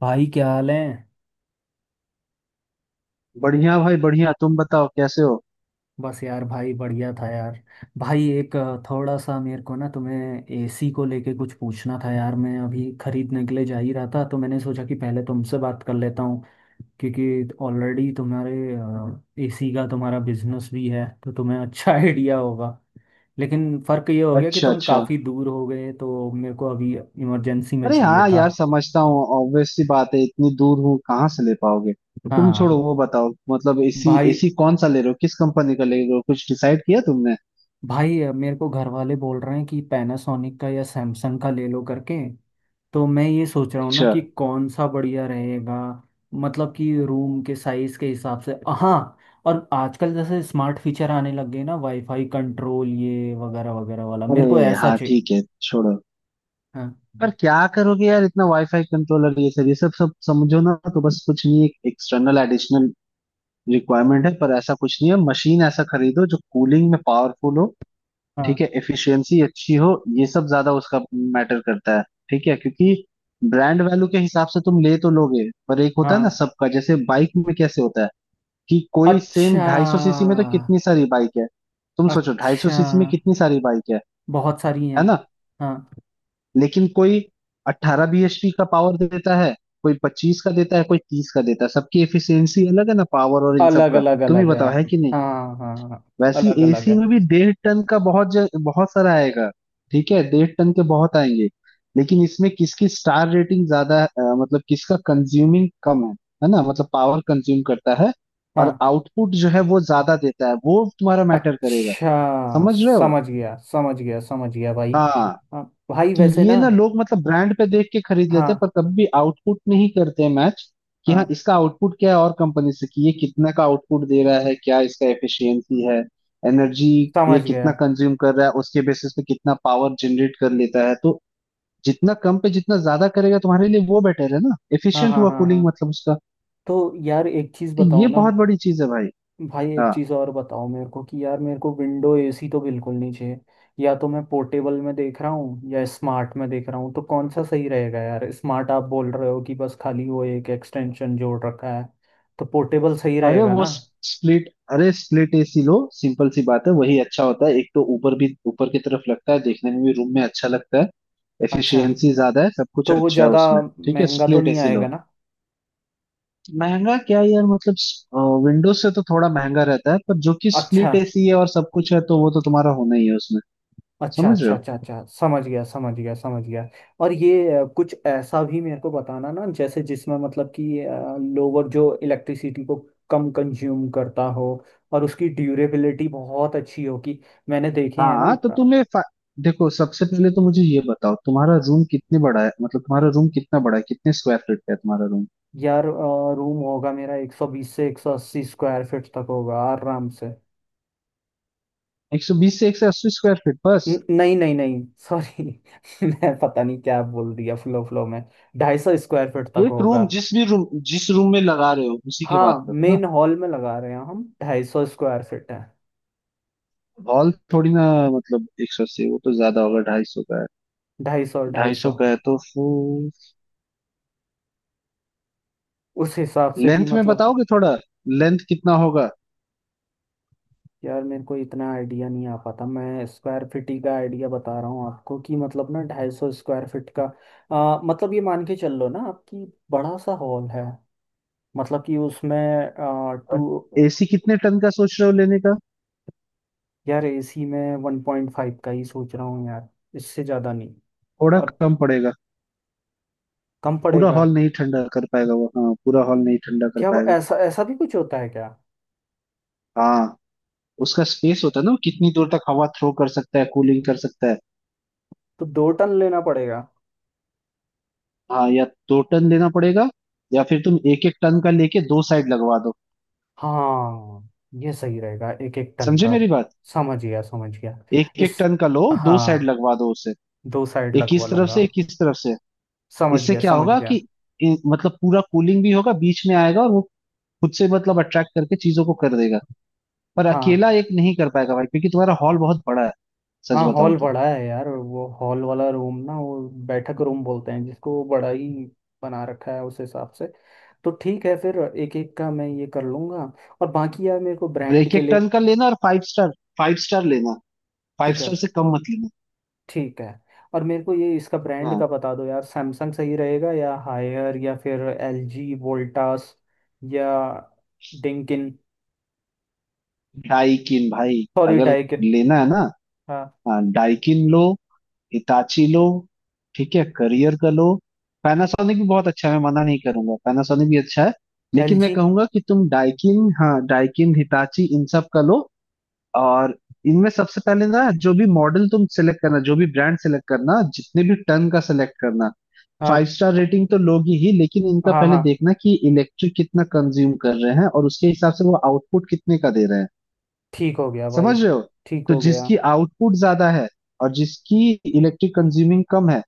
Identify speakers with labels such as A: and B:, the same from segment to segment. A: भाई क्या हाल है।
B: बढ़िया भाई, बढ़िया। तुम बताओ कैसे हो।
A: बस यार भाई बढ़िया था यार। भाई एक थोड़ा सा मेरे को ना तुम्हें एसी को लेके कुछ पूछना था यार, मैं अभी खरीदने के लिए जा ही रहा था तो मैंने सोचा कि पहले तुमसे बात कर लेता हूँ। क्योंकि ऑलरेडी तुम्हारे एसी का तुम्हारा बिजनेस भी है तो तुम्हें अच्छा आइडिया होगा। लेकिन फ़र्क ये हो गया कि
B: अच्छा
A: तुम
B: अच्छा।
A: काफ़ी दूर हो गए तो मेरे को अभी इमरजेंसी में
B: अरे
A: चाहिए
B: हाँ
A: था।
B: यार, समझता हूँ। ऑब्वियस सी बात है, इतनी दूर हूँ कहाँ से ले पाओगे। तुम छोड़ो,
A: हाँ।
B: वो बताओ, मतलब एसी,
A: भाई
B: एसी कौन सा ले रहे हो, किस कंपनी का ले रहे हो, कुछ डिसाइड किया तुमने।
A: भाई मेरे को घर वाले बोल रहे हैं कि पैनासोनिक का या सैमसंग का ले लो करके। तो मैं ये सोच रहा हूँ ना
B: अच्छा।
A: कि कौन सा बढ़िया रहेगा, मतलब कि रूम के साइज के हिसाब से। हाँ। और आजकल जैसे स्मार्ट फीचर आने लग गए ना, वाईफाई कंट्रोल ये वगैरह वगैरह वाला, मेरे
B: अरे
A: को ऐसा
B: हाँ
A: चाहिए।
B: ठीक है, छोड़ो।
A: हाँ।
B: पर क्या करोगे यार इतना वाईफाई कंट्रोलर, ये सब सब समझो ना, तो बस कुछ नहीं, एक एक्सटर्नल एडिशनल रिक्वायरमेंट है, पर ऐसा कुछ नहीं है। मशीन ऐसा खरीदो जो कूलिंग में पावरफुल हो। ठीक
A: हाँ।
B: है, एफिशिएंसी अच्छी हो, ये सब ज्यादा उसका मैटर करता है। ठीक है, क्योंकि ब्रांड वैल्यू के हिसाब से तुम ले तो लोगे, पर एक होता है
A: हाँ।
B: ना सबका, जैसे बाइक में कैसे होता है कि कोई सेम
A: अच्छा।
B: ढाई सौ सीसी में तो कितनी सारी बाइक है। तुम सोचो, ढाई सौ
A: अच्छा।
B: सीसी में कितनी सारी बाइक है
A: बहुत सारी
B: है
A: हैं।
B: ना।
A: हाँ।
B: लेकिन कोई अट्ठारह bhp का पावर देता है, कोई पच्चीस का देता है, कोई तीस का देता है, सबकी एफिशिएंसी अलग है ना, पावर और इन सब
A: अलग
B: का।
A: अलग
B: तुम ही
A: अलग है।
B: बताओ, है कि नहीं।
A: हाँ हाँ।
B: वैसे
A: अलग
B: ही
A: अलग
B: एसी
A: है।
B: में भी डेढ़ टन का बहुत सारा आएगा। ठीक है, डेढ़ टन के बहुत आएंगे। लेकिन इसमें किसकी स्टार रेटिंग ज्यादा है, मतलब किसका कंज्यूमिंग कम है ना, मतलब पावर कंज्यूम करता है, और
A: हाँ।
B: आउटपुट जो है वो ज्यादा देता है, वो तुम्हारा मैटर करेगा।
A: अच्छा।
B: समझ रहे हो।
A: समझ गया, समझ गया, समझ गया भाई।
B: हाँ
A: हाँ। भाई
B: कि
A: वैसे ना।
B: ये ना लोग मतलब ब्रांड पे देख के खरीद लेते हैं,
A: हाँ।
B: पर कभी आउटपुट नहीं करते मैच, कि हाँ
A: हाँ।
B: इसका आउटपुट क्या है, और कंपनी से कि ये कितना का आउटपुट दे रहा है, क्या इसका एफिशिएंसी है, एनर्जी ये
A: समझ
B: कितना
A: गया।
B: कंज्यूम कर रहा है, उसके बेसिस पे कितना पावर जनरेट कर लेता है। तो जितना कम पे जितना ज्यादा करेगा तुम्हारे लिए वो बेटर है ना,
A: हाँ
B: एफिशिएंट
A: हाँ
B: हुआ
A: हाँ हाँ।
B: कूलिंग मतलब उसका।
A: तो यार एक चीज़
B: तो ये
A: बताओ ना।
B: बहुत बड़ी चीज है भाई।
A: भाई
B: हाँ,
A: एक चीज़ और बताओ मेरे को कि यार, मेरे को विंडो एसी तो बिल्कुल नहीं चाहिए। या तो मैं पोर्टेबल में देख रहा हूँ या स्मार्ट में देख रहा हूँ, तो कौन सा सही रहेगा यार? स्मार्ट आप बोल रहे हो कि बस खाली वो एक एक्सटेंशन जोड़ रखा है, तो पोर्टेबल सही
B: अरे
A: रहेगा
B: वो
A: ना?
B: स्प्लिट, अरे स्प्लिट एसी लो, सिंपल सी बात है, वही अच्छा होता है। एक तो ऊपर भी, ऊपर की तरफ लगता है, देखने में भी रूम में अच्छा लगता है,
A: अच्छा।
B: एफिशिएंसी ज्यादा है, सब कुछ
A: तो वो
B: अच्छा है
A: ज़्यादा
B: उसमें। ठीक है,
A: महंगा तो
B: स्प्लिट
A: नहीं
B: एसी
A: आएगा
B: लो।
A: ना?
B: महंगा क्या यार, मतलब विंडोज से तो थोड़ा महंगा रहता है, पर जो कि
A: अच्छा,
B: स्प्लिट एसी है और सब कुछ है तो वो तो तुम्हारा होना ही है उसमें।
A: अच्छा,
B: समझ रहे
A: अच्छा,
B: हो।
A: अच्छा, अच्छा, समझ गया, समझ गया, समझ गया। और ये कुछ ऐसा भी मेरे को बताना ना, जैसे जिसमें मतलब कि लोअर जो इलेक्ट्रिसिटी को कम कंज्यूम करता हो, और उसकी ड्यूरेबिलिटी बहुत अच्छी हो कि मैंने देखे हैं ना।
B: हाँ,
A: अ,
B: देखो, सबसे पहले तो मुझे ये बताओ, तुम्हारा रूम कितने बड़ा है, मतलब तुम्हारा रूम कितना बड़ा है, कितने स्क्वायर फीट का है तुम्हारा रूम।
A: यार रूम होगा मेरा 120 से 180 स्क्वायर फीट तक होगा आराम से।
B: 120 से 180 स्क्वायर फीट बस।
A: नहीं नहीं नहीं, सॉरी। मैं पता नहीं क्या बोल दिया फ्लो फ्लो में। ढाई सौ स्क्वायर फीट तक
B: एक
A: होगा।
B: रूम, जिस भी रूम, जिस रूम में लगा रहे हो उसी की बात
A: हाँ,
B: करो ना।
A: मेन हॉल में लगा रहे हैं हम, 250 स्क्वायर फीट है।
B: हॉल थोड़ी ना, मतलब 180 वो तो ज्यादा होगा, 250 का।
A: ढाई सौ, ढाई
B: ढाई सौ
A: सौ।
B: का है तो फिर
A: उस हिसाब से कि
B: लेंथ में
A: मतलब।
B: बताओगे थोड़ा, लेंथ कितना होगा।
A: यार मेरे को इतना आइडिया नहीं आ पाता, मैं स्क्वायर फीट ही का आइडिया बता रहा हूँ आपको कि मतलब ना 250 स्क्वायर फीट का। मतलब ये मान के चल लो ना आपकी, बड़ा सा हॉल है। मतलब कि उसमें आ,
B: और
A: टू
B: एसी कितने टन का सोच रहे हो लेने का।
A: यार एसी में 1.5 का ही सोच रहा हूँ यार, इससे ज़्यादा नहीं।
B: थोड़ा
A: और
B: कम पड़ेगा,
A: कम
B: पूरा
A: पड़ेगा?
B: हॉल नहीं ठंडा कर पाएगा वो, हाँ पूरा हॉल नहीं ठंडा कर
A: क्या वो
B: पाएगा।
A: ऐसा ऐसा भी कुछ होता है क्या?
B: हाँ, उसका स्पेस होता है ना, वो कितनी दूर तक हवा थ्रो कर सकता है, कूलिंग कर सकता है।
A: तो 2 टन लेना पड़ेगा।
B: हाँ या दो टन लेना पड़ेगा, या फिर तुम एक एक टन का लेके दो साइड लगवा दो।
A: हाँ ये सही रहेगा एक एक टन
B: समझे
A: का।
B: मेरी बात,
A: समझ गया, समझ गया।
B: एक एक
A: इस।
B: टन का लो, दो साइड
A: हाँ,
B: लगवा दो उसे,
A: दो साइड
B: एक
A: लगवा
B: इस तरफ
A: लूंगा।
B: से एक इस तरफ से।
A: समझ
B: इससे
A: गया,
B: क्या
A: समझ
B: होगा कि,
A: गया।
B: मतलब पूरा कूलिंग भी होगा, बीच में आएगा, और वो खुद से मतलब अट्रैक्ट करके चीजों को कर देगा। पर
A: हाँ।
B: अकेला एक नहीं कर पाएगा भाई, क्योंकि तुम्हारा हॉल बहुत बड़ा है, सच
A: हाँ
B: बताओ
A: हॉल
B: तो।
A: बड़ा है यार, वो हॉल वाला रूम ना वो बैठक रूम बोलते हैं जिसको, वो बड़ा ही बना रखा है उस हिसाब से। तो ठीक है फिर एक एक का मैं ये कर लूंगा। और बाकी यार मेरे को
B: और
A: ब्रांड
B: एक
A: के
B: एक
A: लिए।
B: टन का लेना, और फाइव स्टार, फाइव स्टार लेना, फाइव
A: ठीक है।
B: स्टार से कम मत लेना।
A: ठीक है। और मेरे को ये इसका ब्रांड
B: हाँ
A: का बता दो यार, सैमसंग सही रहेगा या हायर या फिर एलजी, वोल्टास या डिंकिन।
B: डाइकिन भाई,
A: सॉरी,
B: अगर
A: डाइकिन।
B: लेना है ना।
A: हाँ।
B: हाँ, डाइकिन लो, हिताची लो, ठीक है करियर का लो। पैनासोनिक भी बहुत अच्छा है, मैं मना नहीं करूंगा, पैनासोनिक भी अच्छा है। लेकिन मैं
A: एलजी।
B: कहूंगा कि तुम डाइकिन, हाँ डाइकिन, हिताची इन सब का लो। और इनमें सबसे पहले ना, जो भी मॉडल तुम सेलेक्ट करना, जो भी ब्रांड सेलेक्ट करना, जितने भी टन का सेलेक्ट करना, फाइव
A: हाँ
B: स्टार रेटिंग तो लोगे ही, लेकिन इनका
A: हाँ
B: पहले
A: हाँ।
B: देखना कि इलेक्ट्रिक कितना कंज्यूम कर रहे हैं, और उसके हिसाब से वो आउटपुट कितने का दे रहे हैं।
A: ठीक हो गया भाई।
B: समझ रहे हो।
A: ठीक
B: तो
A: हो गया।
B: जिसकी आउटपुट ज्यादा है, और जिसकी इलेक्ट्रिक कंज्यूमिंग कम है,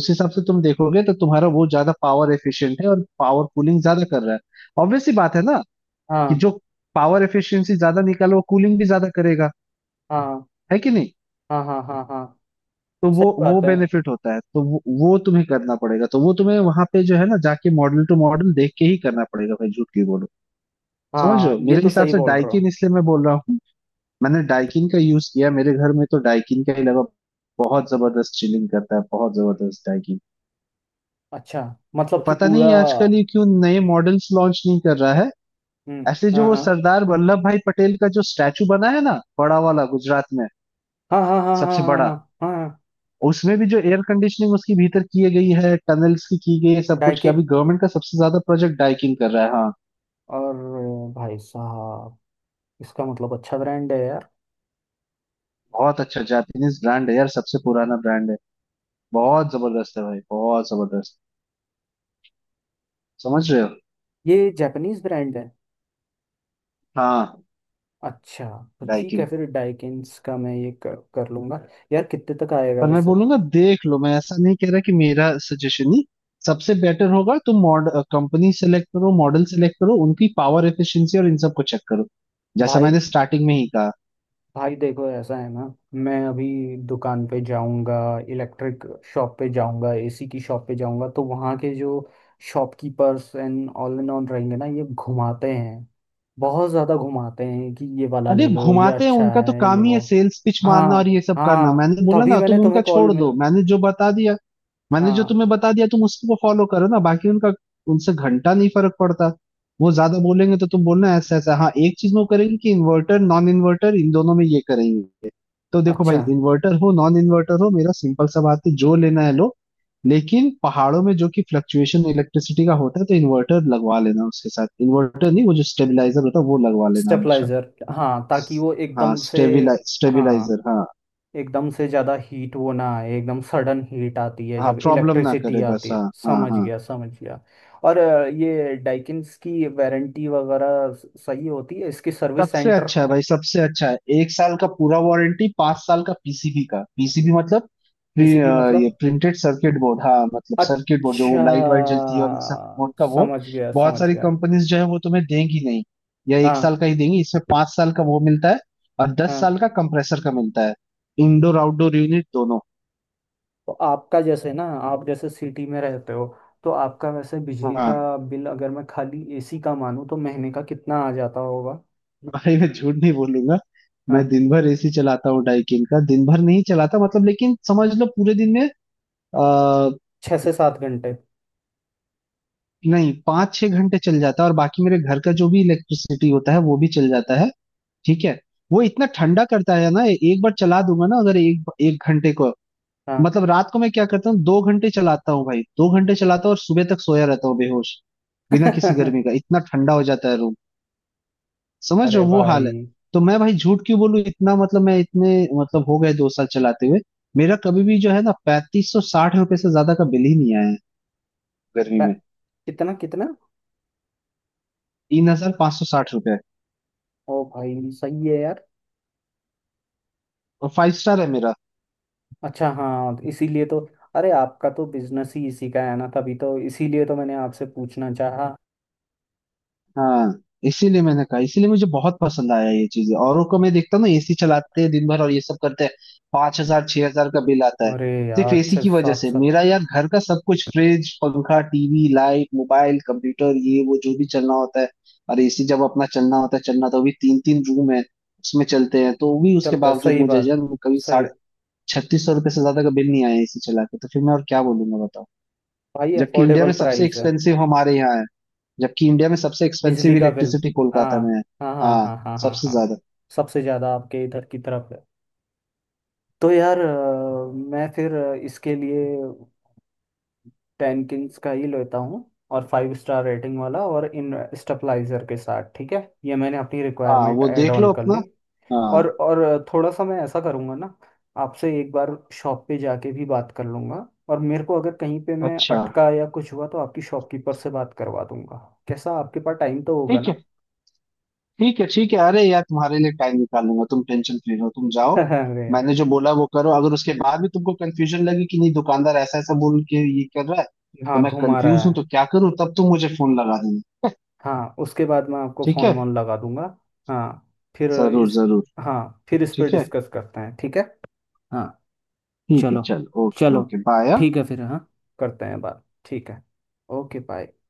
B: उस हिसाब से तुम देखोगे तो तुम्हारा वो ज्यादा पावर एफिशिएंट है, और पावर कूलिंग ज्यादा कर रहा है। ऑब्वियस सी बात है ना, कि
A: हाँ
B: जो पावर एफिशिएंसी ज्यादा निकाले वो कूलिंग भी ज्यादा करेगा,
A: हाँ
B: है कि नहीं।
A: हाँ हाँ हाँ हाँ।
B: तो
A: सही
B: वो
A: बात है।
B: बेनिफिट होता है, तो वो तुम्हें करना पड़ेगा, तो वो तुम्हें वहां पे जो है ना, जाके मॉडल टू मॉडल देख के ही करना पड़ेगा भाई, झूठ की बोलो। समझ रहे
A: हाँ
B: हो।
A: ये
B: मेरे
A: तो
B: हिसाब
A: सही
B: से
A: बोल रहे हो।
B: डाइकिन इसलिए मैं बोल रहा हूँ, मैंने डाइकिन का यूज किया, मेरे घर में तो डाइकिन का ही लगा। बहुत जबरदस्त चिलिंग करता है, बहुत जबरदस्त डाइकिन।
A: अच्छा,
B: तो
A: मतलब कि
B: पता
A: पूरा।
B: नहीं आजकल ये क्यों नए मॉडल्स लॉन्च नहीं कर रहा है।
A: हम्म।
B: ऐसे जो
A: हाँ
B: वो
A: हाँ
B: सरदार वल्लभ भाई पटेल का जो स्टैचू बना है ना, बड़ा वाला गुजरात में,
A: हाँ हाँ हाँ
B: सबसे
A: हाँ
B: बड़ा,
A: हाँ हाँ। हाँ।
B: उसमें भी जो एयर कंडीशनिंग उसकी भीतर की गई है, टनल्स की गई है, सब कुछ किया, अभी
A: डाइकिन।
B: गवर्नमेंट का सबसे ज्यादा प्रोजेक्ट डाइकिन कर रहा है, हाँ।
A: और भाई साहब, इसका मतलब अच्छा ब्रांड है यार।
B: बहुत अच्छा जापानीज ब्रांड है यार, सबसे पुराना ब्रांड है। बहुत जबरदस्त है भाई, बहुत जबरदस्त। समझ रहे हो।
A: ये जापानीज ब्रांड है?
B: हाँ
A: अच्छा। तो ठीक है
B: डाइकिन।
A: फिर डाइकिन्स का मैं ये कर लूंगा। यार कितने तक आएगा
B: पर मैं
A: वैसे?
B: बोलूंगा देख लो, मैं ऐसा नहीं कह रहा कि मेरा सजेशन ही सबसे बेटर होगा। तुम मॉडल कंपनी सेलेक्ट करो, मॉडल सेलेक्ट करो, उनकी पावर एफिशिएंसी और इन सब को चेक करो, जैसा
A: भाई।
B: मैंने स्टार्टिंग में ही कहा।
A: भाई देखो ऐसा है ना, मैं अभी दुकान पे जाऊंगा, इलेक्ट्रिक शॉप पे जाऊंगा, एसी की शॉप पे जाऊंगा, तो वहाँ के जो शॉपकीपर्स एंड ऑल रहेंगे ना, ये घुमाते हैं। बहुत ज़्यादा घुमाते हैं कि ये वाला
B: अरे
A: ले लो, ये
B: घुमाते हैं,
A: अच्छा
B: उनका तो
A: है, ये
B: काम ही है
A: वो।
B: सेल्स पिच
A: हाँ
B: मारना और ये सब करना।
A: हाँ
B: मैंने बोला
A: तभी
B: ना,
A: मैंने
B: तुम उनका
A: तुम्हें कॉल
B: छोड़ दो,
A: मिल।
B: मैंने जो बता दिया, मैंने जो
A: हाँ।
B: तुम्हें बता दिया तुम उसको फॉलो करो ना, बाकी उनका, उनसे घंटा नहीं फर्क पड़ता। वो ज्यादा बोलेंगे तो तुम बोलना ऐसा ऐसा, हाँ एक चीज वो करेंगे कि इन्वर्टर नॉन इन्वर्टर इन दोनों में ये करेंगे। तो देखो भाई,
A: अच्छा,
B: इन्वर्टर हो नॉन इन्वर्टर हो, मेरा सिंपल सा बात है, जो लेना है लो। लेकिन पहाड़ों में जो कि फ्लक्चुएशन इलेक्ट्रिसिटी का होता है, तो इन्वर्टर लगवा लेना, उसके साथ इन्वर्टर नहीं, वो जो स्टेबलाइजर होता है वो लगवा लेना हमेशा।
A: स्टेबलाइजर। हाँ, ताकि वो
B: हाँ
A: एकदम से।
B: स्टेबिलाइज
A: हाँ,
B: स्टेबिलाइजर हाँ।
A: एकदम से ज़्यादा हीट वो ना आए, एकदम सडन हीट आती है
B: हाँ
A: जब
B: प्रॉब्लम ना
A: इलेक्ट्रिसिटी
B: करे बस,
A: आती है।
B: हाँ हाँ।
A: समझ
B: हाँ
A: गया, समझ गया। और ये डाइकिन्स की वारंटी वगैरह सही होती है? इसकी सर्विस
B: सबसे
A: सेंटर?
B: अच्छा है भाई, सबसे अच्छा है, एक साल का पूरा वारंटी, पांच साल का पीसीबी का, पीसीबी मतलब
A: पीसीबी
B: ये
A: मतलब?
B: प्रिंटेड सर्किट बोर्ड, हाँ मतलब सर्किट बोर्ड जो वो
A: अच्छा,
B: लाइट वाइट जलती है और इन सब बोर्ड का वो।
A: समझ गया,
B: बहुत
A: समझ
B: सारी
A: गया।
B: कंपनीज जो है वो तुम्हें देंगी नहीं, या एक
A: हाँ।
B: साल का ही देंगी, इसमें पांच साल का वो मिलता है, और दस
A: हाँ।
B: साल का कंप्रेसर का मिलता है, इंडोर आउटडोर यूनिट दोनों।
A: तो आपका जैसे ना, आप जैसे सिटी में रहते हो, तो आपका वैसे बिजली
B: हाँ
A: का बिल अगर मैं खाली एसी का मानूं तो महीने का कितना आ जाता होगा?
B: भाई, मैं झूठ नहीं बोलूंगा, मैं
A: हाँ।
B: दिन भर एसी चलाता हूँ डाइकिन का, दिन भर नहीं चलाता मतलब, लेकिन समझ लो पूरे दिन में, आ,
A: 6 से 7 घंटे।
B: नहीं पाँच छह घंटे चल जाता है, और बाकी मेरे घर का जो भी इलेक्ट्रिसिटी होता है वो भी चल जाता है। ठीक है। वो इतना ठंडा करता है ना, एक बार चला दूंगा ना अगर एक एक घंटे को,
A: हाँ।
B: मतलब रात को मैं क्या करता हूँ दो घंटे चलाता हूँ भाई, दो घंटे चलाता हूँ और सुबह तक सोया रहता हूँ बेहोश, बिना किसी गर्मी का इतना ठंडा हो जाता है। समझ रहे
A: अरे
B: हो वो हाल है।
A: भाई।
B: तो मैं भाई झूठ क्यों बोलूं, इतना मतलब मैं इतने मतलब हो गए दो साल चलाते हुए, मेरा कभी भी जो है ना पैंतीस सौ साठ रुपए से ज्यादा का बिल ही नहीं आया है गर्मी
A: प-।
B: में।
A: कितना, कितना?
B: तीन हजार पाँच सौ साठ रुपए।
A: ओ भाई सही है यार।
B: और फाइव स्टार है मेरा।
A: अच्छा, हाँ इसीलिए तो। अरे आपका तो बिजनेस ही इसी का है ना, तभी तो, इसीलिए तो मैंने आपसे पूछना चाहा।
B: हाँ इसीलिए मैंने कहा, इसीलिए मुझे बहुत पसंद आया ये चीजें। औरों को मैं देखता हूँ ना, एसी चलाते हैं दिन भर और ये सब करते हैं, पांच हजार छह हजार का बिल आता है।
A: अरे
B: सिर्फ
A: यार,
B: एसी
A: छः
B: की वजह
A: सात
B: से,
A: सात।
B: मेरा यार घर का सब कुछ, फ्रिज पंखा टीवी लाइट मोबाइल कंप्यूटर ये वो जो भी चलना होता है, और एसी जब अपना चलना होता है, चलना तो भी तीन तीन रूम है उसमें चलते हैं, तो भी उसके
A: चलता है,
B: बावजूद
A: सही
B: मुझे
A: बात।
B: यार कभी
A: सही।
B: साढ़े छत्तीस सौ रुपये से ज्यादा का बिल नहीं आया एसी चला के। तो फिर मैं और क्या बोलूंगा बताओ।
A: भाई
B: जबकि इंडिया
A: अफोर्डेबल
B: में सबसे
A: प्राइस है।
B: एक्सपेंसिव हमारे यहाँ है, जबकि इंडिया में सबसे
A: बिजली
B: एक्सपेंसिव
A: का बिल।
B: इलेक्ट्रिसिटी
A: हाँ
B: कोलकाता में है।
A: हाँ हाँ
B: हाँ
A: हाँ हाँ हाँ
B: सबसे
A: हाँ।
B: ज्यादा।
A: सबसे ज़्यादा आपके इधर की तरफ है। तो यार मैं फिर इसके लिए टेन किंग्स का ही लेता हूँ। और 5 स्टार रेटिंग वाला और इन स्टेबलाइजर के साथ। ठीक है, ये मैंने अपनी
B: हाँ
A: रिक्वायरमेंट
B: वो
A: ऐड
B: देख
A: ऑन
B: लो
A: कर
B: अपना।
A: ली।
B: हाँ
A: और थोड़ा सा मैं ऐसा करूँगा ना, आपसे एक बार शॉप पे जाके भी बात कर लूँगा, और मेरे को अगर कहीं पे मैं
B: अच्छा।
A: अटका या कुछ हुआ तो आपकी शॉपकीपर से बात करवा दूंगा। कैसा, आपके पास टाइम तो होगा
B: ठीक
A: ना?
B: है, ठीक है ठीक है, अरे यार तुम्हारे लिए टाइम निकाल लूंगा, तुम टेंशन फ्री रहो, तुम जाओ।
A: अरे यार।
B: मैंने जो बोला वो करो, अगर उसके बाद भी तुमको कंफ्यूजन लगे कि नहीं दुकानदार ऐसा ऐसा बोल के ये कर रहा है, तो
A: हाँ,
B: मैं
A: घुमा रहा
B: कंफ्यूज हूँ तो
A: है।
B: क्या करूँ, तब तुम मुझे फोन लगा देना।
A: हाँ उसके बाद मैं आपको
B: ठीक है,
A: फोन वोन लगा दूंगा। हाँ। फिर।
B: जरूर
A: इस।
B: जरूर।
A: हाँ फिर इस पर
B: ठीक है
A: डिस्कस करते हैं, ठीक है। हाँ।
B: ठीक है
A: चलो।
B: चल, ओके
A: चलो।
B: Okay bye.
A: ठीक है फिर, हाँ। करते हैं बात, ठीक है। Okay bye.